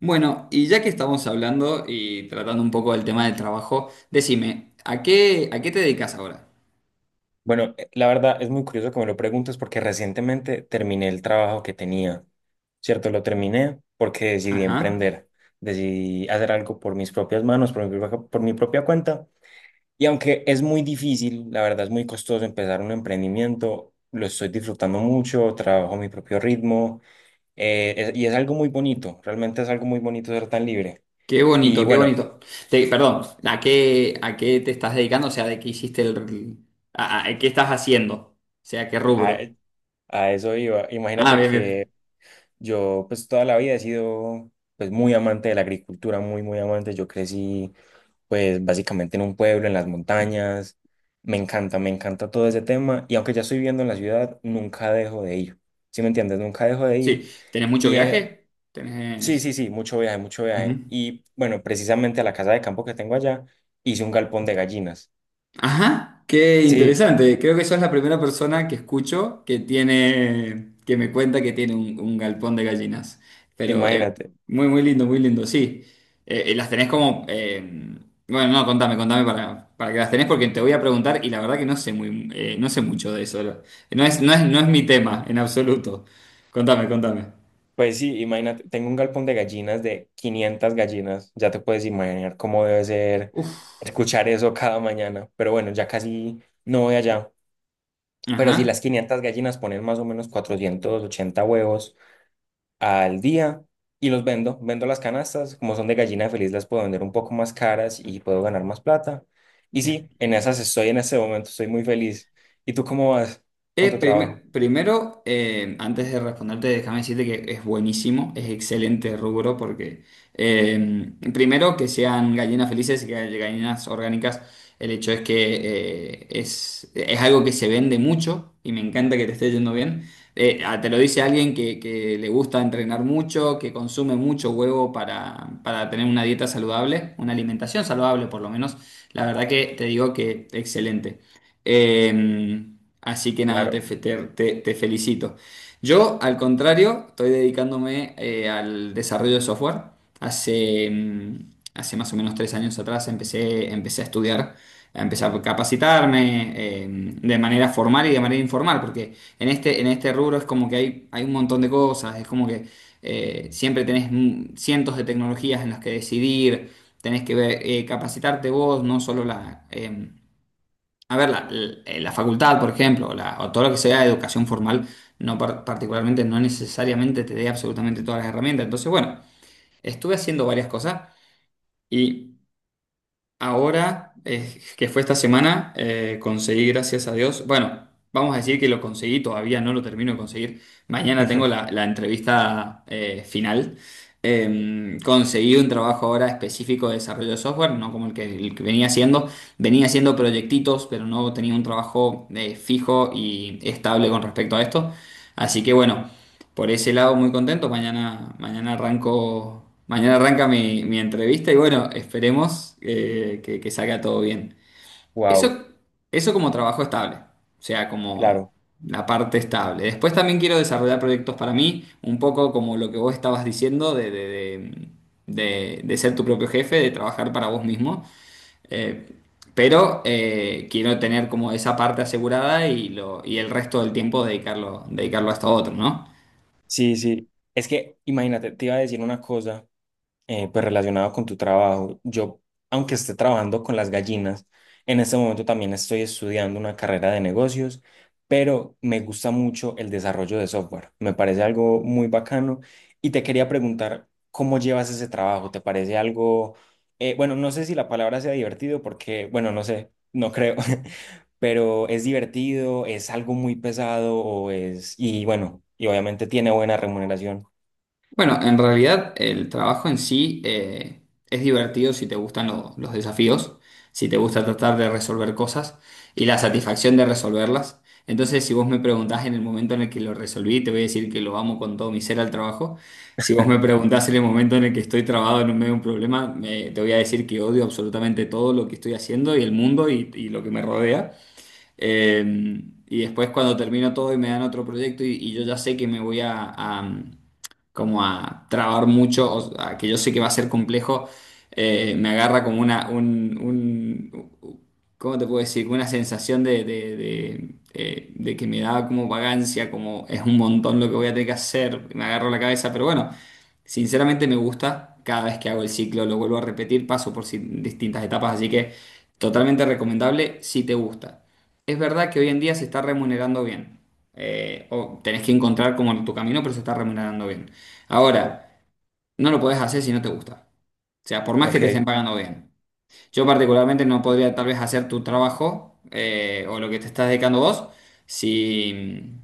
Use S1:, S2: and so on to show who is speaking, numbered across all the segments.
S1: Bueno, y ya que estamos hablando y tratando un poco del tema del trabajo, decime, a qué te dedicas ahora?
S2: Bueno, la verdad es muy curioso que me lo preguntes porque recientemente terminé el trabajo que tenía, ¿cierto? Lo terminé porque decidí
S1: Ajá,
S2: emprender, decidí hacer algo por mis propias manos, por mi propia cuenta. Y aunque es muy difícil, la verdad es muy costoso empezar un emprendimiento, lo estoy disfrutando mucho, trabajo a mi propio ritmo y es algo muy bonito, realmente es algo muy bonito ser tan libre.
S1: qué
S2: Y
S1: bonito, qué
S2: bueno,
S1: bonito. Te- perdón, a qué te estás dedicando? O sea, ¿de qué hiciste el... a- qué estás haciendo? O sea, ¿qué
S2: a,
S1: rubro?
S2: a eso iba.
S1: Ah,
S2: Imagínate
S1: bien, bien.
S2: que yo pues toda la vida he sido pues muy amante de la agricultura, muy muy amante. Yo crecí pues básicamente en un pueblo, en las montañas. Me encanta todo ese tema y aunque ya estoy viviendo en la ciudad, nunca dejo de ir. ¿Sí me entiendes? Nunca dejo de ir.
S1: Sí, ¿tenés mucho
S2: Y en-
S1: viaje?
S2: sí,
S1: Tenés...
S2: sí, sí, mucho viaje, mucho viaje.
S1: Ujú.
S2: Y bueno, precisamente a la casa de campo que tengo allá, hice un galpón de gallinas.
S1: Ajá, qué
S2: Sí,
S1: interesante. Creo que sos la primera persona que escucho que tiene, que me cuenta que tiene un galpón de gallinas. Pero
S2: imagínate.
S1: muy, muy lindo, sí. Y las tenés como, bueno, no, contame, contame para que las tenés porque te voy a preguntar y la verdad que no sé muy, no sé mucho de eso. No es, no es, no es mi tema en absoluto. Contame, contame.
S2: Pues sí, imagínate, tengo un galpón de gallinas de 500 gallinas, ya te puedes imaginar cómo debe ser
S1: Uf.
S2: escuchar eso cada mañana, pero bueno, ya casi no voy allá. Pero si
S1: Ajá.
S2: las 500 gallinas ponen más o menos 480 huevos al día y los vendo, vendo las canastas, como son de gallina feliz las puedo vender un poco más caras y puedo ganar más plata. Y sí, en esas estoy en este momento, estoy muy feliz. ¿Y tú cómo vas con tu trabajo?
S1: Primer- primero, antes de responderte, déjame decirte que es buenísimo, es excelente rubro porque primero que sean gallinas felices y que haya gallinas orgánicas, el hecho es que es algo que se vende mucho y me encanta que te esté yendo bien. Te lo dice alguien que le gusta entrenar mucho, que consume mucho huevo para tener una dieta saludable, una alimentación saludable por lo menos. La verdad que te digo que excelente. Eh, así que nada, te,
S2: Claro.
S1: fe- te- te- te felicito. Yo, al contrario, estoy dedicándome al desarrollo de software. Hace, mm, hace más o menos tres años atrás empecé, empecé a estudiar, a empezar a capacitarme de manera formal y de manera informal, porque en este rubro es como que hay un montón de cosas, es como que siempre tenés cientos de tecnologías en las que decidir, tenés que ver, capacitarte vos, no solo la... a ver, la- la facultad, por ejemplo, la- o todo lo que sea educación formal, no par- particularmente, no necesariamente te dé absolutamente todas las herramientas. Entonces, bueno, estuve haciendo varias cosas y ahora, que fue esta semana, conseguí, gracias a Dios, bueno, vamos a decir que lo conseguí, todavía no lo termino de conseguir, mañana tengo la, la entrevista final. Conseguí un trabajo ahora específico de desarrollo de software, no como el que venía haciendo proyectitos, pero no tenía un trabajo fijo y estable con respecto a esto. Así que bueno, por ese lado, muy contento. Mañana, mañana arranco, mañana arranca mi, mi entrevista y bueno, esperemos que salga todo bien.
S2: Wow,
S1: Eso, eso como trabajo estable, o sea, como
S2: claro.
S1: la parte estable. Después también quiero desarrollar proyectos para mí, un poco como lo que vos estabas diciendo de ser tu propio jefe, de trabajar para vos mismo. Eh, pero quiero tener como esa parte asegurada y, lo, y el resto del tiempo dedicarlo, dedicarlo a esto otro, ¿no?
S2: Sí, sí. Es que, imagínate, te iba a decir una cosa pues relacionado con tu trabajo. Yo, aunque esté trabajando con las gallinas, en este momento también estoy estudiando una carrera de negocios, pero me gusta mucho el desarrollo de software. Me parece algo muy bacano y te quería preguntar cómo llevas ese trabajo. ¿Te parece algo, bueno, no sé si la palabra sea divertido porque, bueno, no sé, no creo? Pero ¿es divertido, es algo muy pesado o es, y bueno, y obviamente tiene buena remuneración?
S1: Bueno, en realidad el trabajo en sí es divertido si te gustan lo- los desafíos, si te gusta tratar de resolver cosas y la satisfacción de resolverlas. Entonces, si vos me preguntás en el momento en el que lo resolví, te voy a decir que lo amo con todo mi ser al trabajo. Si vos me preguntás en el momento en el que estoy trabado en medio de un problema, me- te voy a decir que odio absolutamente todo lo que estoy haciendo y el mundo y lo que me rodea. Eh, y después cuando termino todo y me dan otro proyecto y yo ya sé que me voy a, como a trabar mucho, o a que yo sé que va a ser complejo, me agarra como una, un- ¿cómo te puedo decir? Una sensación de que me da como vagancia, como es un montón lo que voy a tener que hacer, me agarro la cabeza, pero bueno, sinceramente me gusta. Cada vez que hago el ciclo lo vuelvo a repetir, paso por si- distintas etapas, así que totalmente recomendable si te gusta. Es verdad que hoy en día se está remunerando bien. O tenés que encontrar como tu camino, pero se está remunerando bien. Ahora, no lo podés hacer si no te gusta. O sea, por más que
S2: Ok,
S1: te estén pagando bien. Yo particularmente no podría tal vez hacer tu trabajo o lo que te estás dedicando vos si,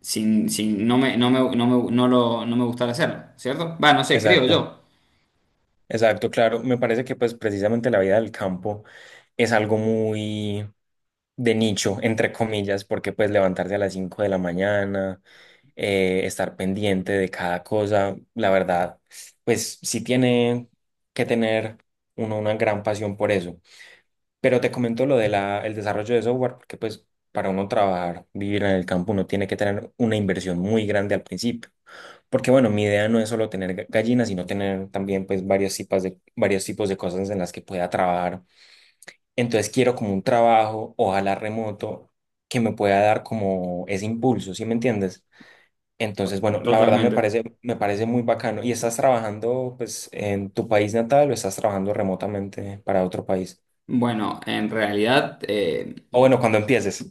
S1: si, si no me, no me, no me- no lo, no me gustara hacerlo, ¿cierto? Va, no sé, creo
S2: exacto.
S1: yo.
S2: Exacto, claro. Me parece que pues precisamente la vida del campo es algo muy de nicho, entre comillas, porque pues levantarse a las 5 de la mañana, estar pendiente de cada cosa, la verdad, pues sí tiene que tener uno una gran pasión por eso. Pero te comento lo de la, el desarrollo de software, porque pues para uno trabajar, vivir en el campo, uno tiene que tener una inversión muy grande al principio. Porque bueno, mi idea no es solo tener gallinas, sino tener también pues varios tipos de cosas en las que pueda trabajar. Entonces quiero como un trabajo, ojalá remoto, que me pueda dar como ese impulso, ¿sí me entiendes? Entonces, bueno, la verdad
S1: Totalmente.
S2: me parece muy bacano. ¿Y estás trabajando pues en tu país natal o estás trabajando remotamente para otro país?
S1: Bueno, en realidad...
S2: O bueno, cuando empieces.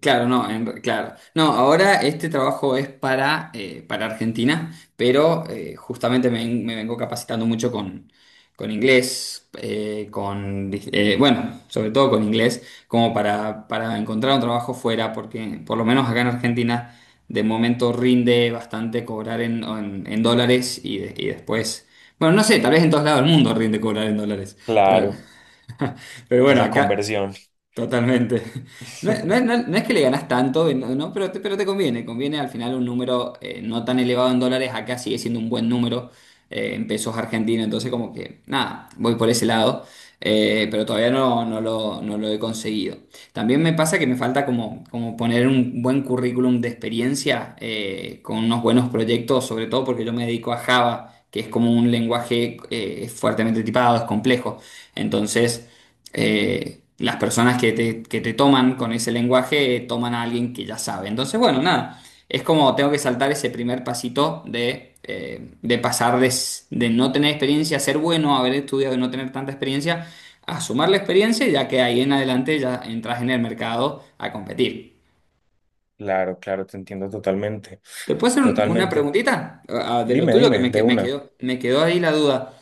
S1: claro, no, en claro. No, ahora este trabajo es para Argentina, pero justamente me, ven- me vengo capacitando mucho con inglés, con, bueno, sobre todo con inglés, como para encontrar un trabajo fuera, porque por lo menos acá en Argentina de momento rinde bastante cobrar en dólares y, de- y después, bueno, no sé, tal vez en todos lados del mundo rinde cobrar en dólares, pero,
S2: Claro,
S1: pero bueno,
S2: esa
S1: acá.
S2: conversión.
S1: Totalmente. No, no no es- no es que le ganas tanto, no, no, pero te conviene. Conviene al final un número no tan elevado en dólares. Acá sigue siendo un buen número en pesos argentinos, entonces como que nada, voy por ese lado, pero todavía no, no lo, no lo he conseguido. También me pasa que me falta como, como poner un buen currículum de experiencia con unos buenos proyectos, sobre todo porque yo me dedico a Java, que es como un lenguaje fuertemente tipado, es complejo. Entonces, las personas que te toman con ese lenguaje toman a alguien que ya sabe. Entonces, bueno, nada. Es como tengo que saltar ese primer pasito de pasar de, s- de no tener experiencia, ser bueno, haber estudiado y no tener tanta experiencia, a sumar la experiencia, ya que ahí en adelante ya entras en el mercado a competir.
S2: Claro, claro, te entiendo totalmente.
S1: ¿Te puedo hacer un- una
S2: Totalmente.
S1: preguntita, ah, ah, de lo
S2: Dime,
S1: tuyo
S2: dime, de
S1: que-
S2: una.
S1: me quedó ahí la duda?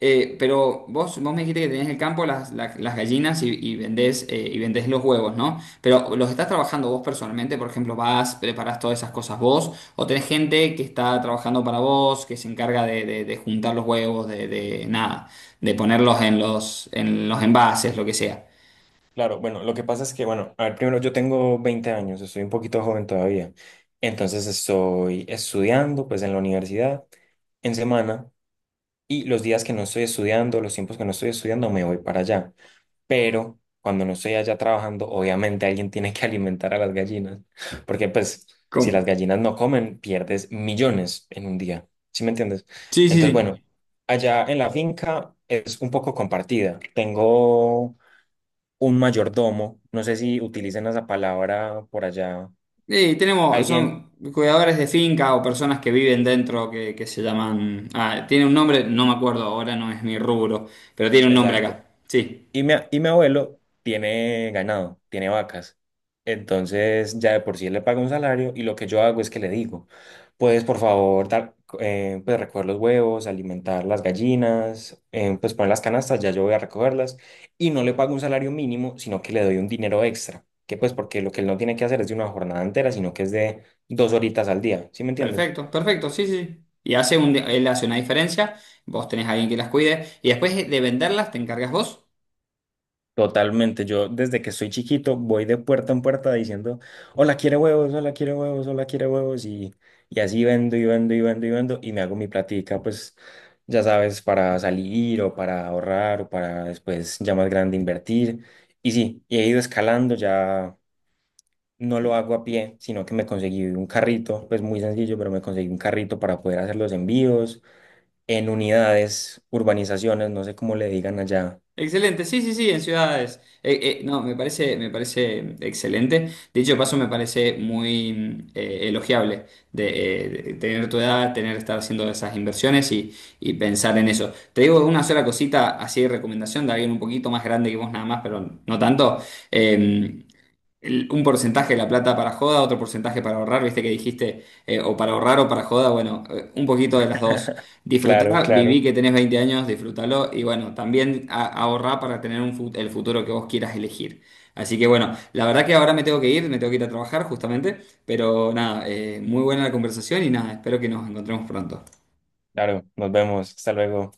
S1: Pero vos, vos me dijiste que tenés el campo, las, la- las gallinas y vendés los huevos, ¿no? Pero ¿los estás trabajando vos personalmente? Por ejemplo, ¿vas, preparás todas esas cosas vos? ¿O tenés gente que está trabajando para vos, que se encarga de juntar los huevos, de nada, de ponerlos en los envases, lo que sea?
S2: Claro, bueno, lo que pasa es que, bueno, a ver, primero yo tengo 20 años, estoy un poquito joven todavía, entonces estoy estudiando pues en la universidad en semana y los días que no estoy estudiando, los tiempos que no estoy estudiando me voy para allá, pero cuando no estoy allá trabajando, obviamente alguien tiene que alimentar a las gallinas, porque pues si
S1: ¿Cómo?
S2: las gallinas no comen, pierdes millones en un día, ¿sí me entiendes?
S1: Sí, sí,
S2: Entonces, bueno,
S1: sí.
S2: allá en la finca es un poco compartida, tengo un mayordomo, no sé si utilizan esa palabra por allá,
S1: Sí, tenemos,
S2: alguien,
S1: son cuidadores de finca o personas que viven dentro que se llaman. Ah, tiene un nombre, no me acuerdo ahora, no es mi rubro, pero tiene un nombre
S2: exacto.
S1: acá. Sí,
S2: Y mi abuelo tiene ganado, tiene vacas. Entonces ya de por sí él le paga un salario y lo que yo hago es que le digo, puedes por favor dar, pues recoger los huevos, alimentar las gallinas, pues poner las canastas, ya yo voy a recogerlas y no le pago un salario mínimo, sino que le doy un dinero extra, que pues porque lo que él no tiene que hacer es de una jornada entera, sino que es de 2 horitas al día, ¿sí me entiendes?
S1: perfecto, perfecto, sí, sí, sí. Y hace un, él hace una diferencia, vos tenés a alguien que las cuide, y después de venderlas te encargas vos.
S2: Totalmente, yo desde que soy chiquito voy de puerta en puerta diciendo, hola, ¿quiere huevos?, hola, ¿quiere huevos?, hola, ¿quiere huevos?, y así vendo y vendo y vendo y vendo y me hago mi platica, pues ya sabes, para salir o para ahorrar o para después ya más grande invertir. Y sí, y he ido escalando, ya no lo hago a pie, sino que me conseguí un carrito, pues muy sencillo, pero me conseguí un carrito para poder hacer los envíos en unidades, urbanizaciones, no sé cómo le digan allá.
S1: Excelente, sí, sí, sí, en ciudades. No, me parece excelente. Dicho paso, me parece muy elogiable de tener tu edad, tener estar haciendo esas inversiones y pensar en eso. Te digo una sola cosita, así de recomendación de alguien un poquito más grande que vos nada más, pero no tanto. Eh, el- un porcentaje de la plata para joda, otro porcentaje para ahorrar, viste que dijiste, o para ahorrar o para joda, bueno, un poquito de las dos.
S2: Claro,
S1: Disfrutá, viví
S2: claro.
S1: que tenés 20 años, disfrútalo y bueno, también a- ahorrá para tener un fut- el futuro que vos quieras elegir. Así que bueno, la verdad que ahora me tengo que ir, me tengo que ir a trabajar justamente, pero nada, muy buena la conversación y nada, espero que nos encontremos pronto.
S2: Claro, nos vemos. Hasta luego.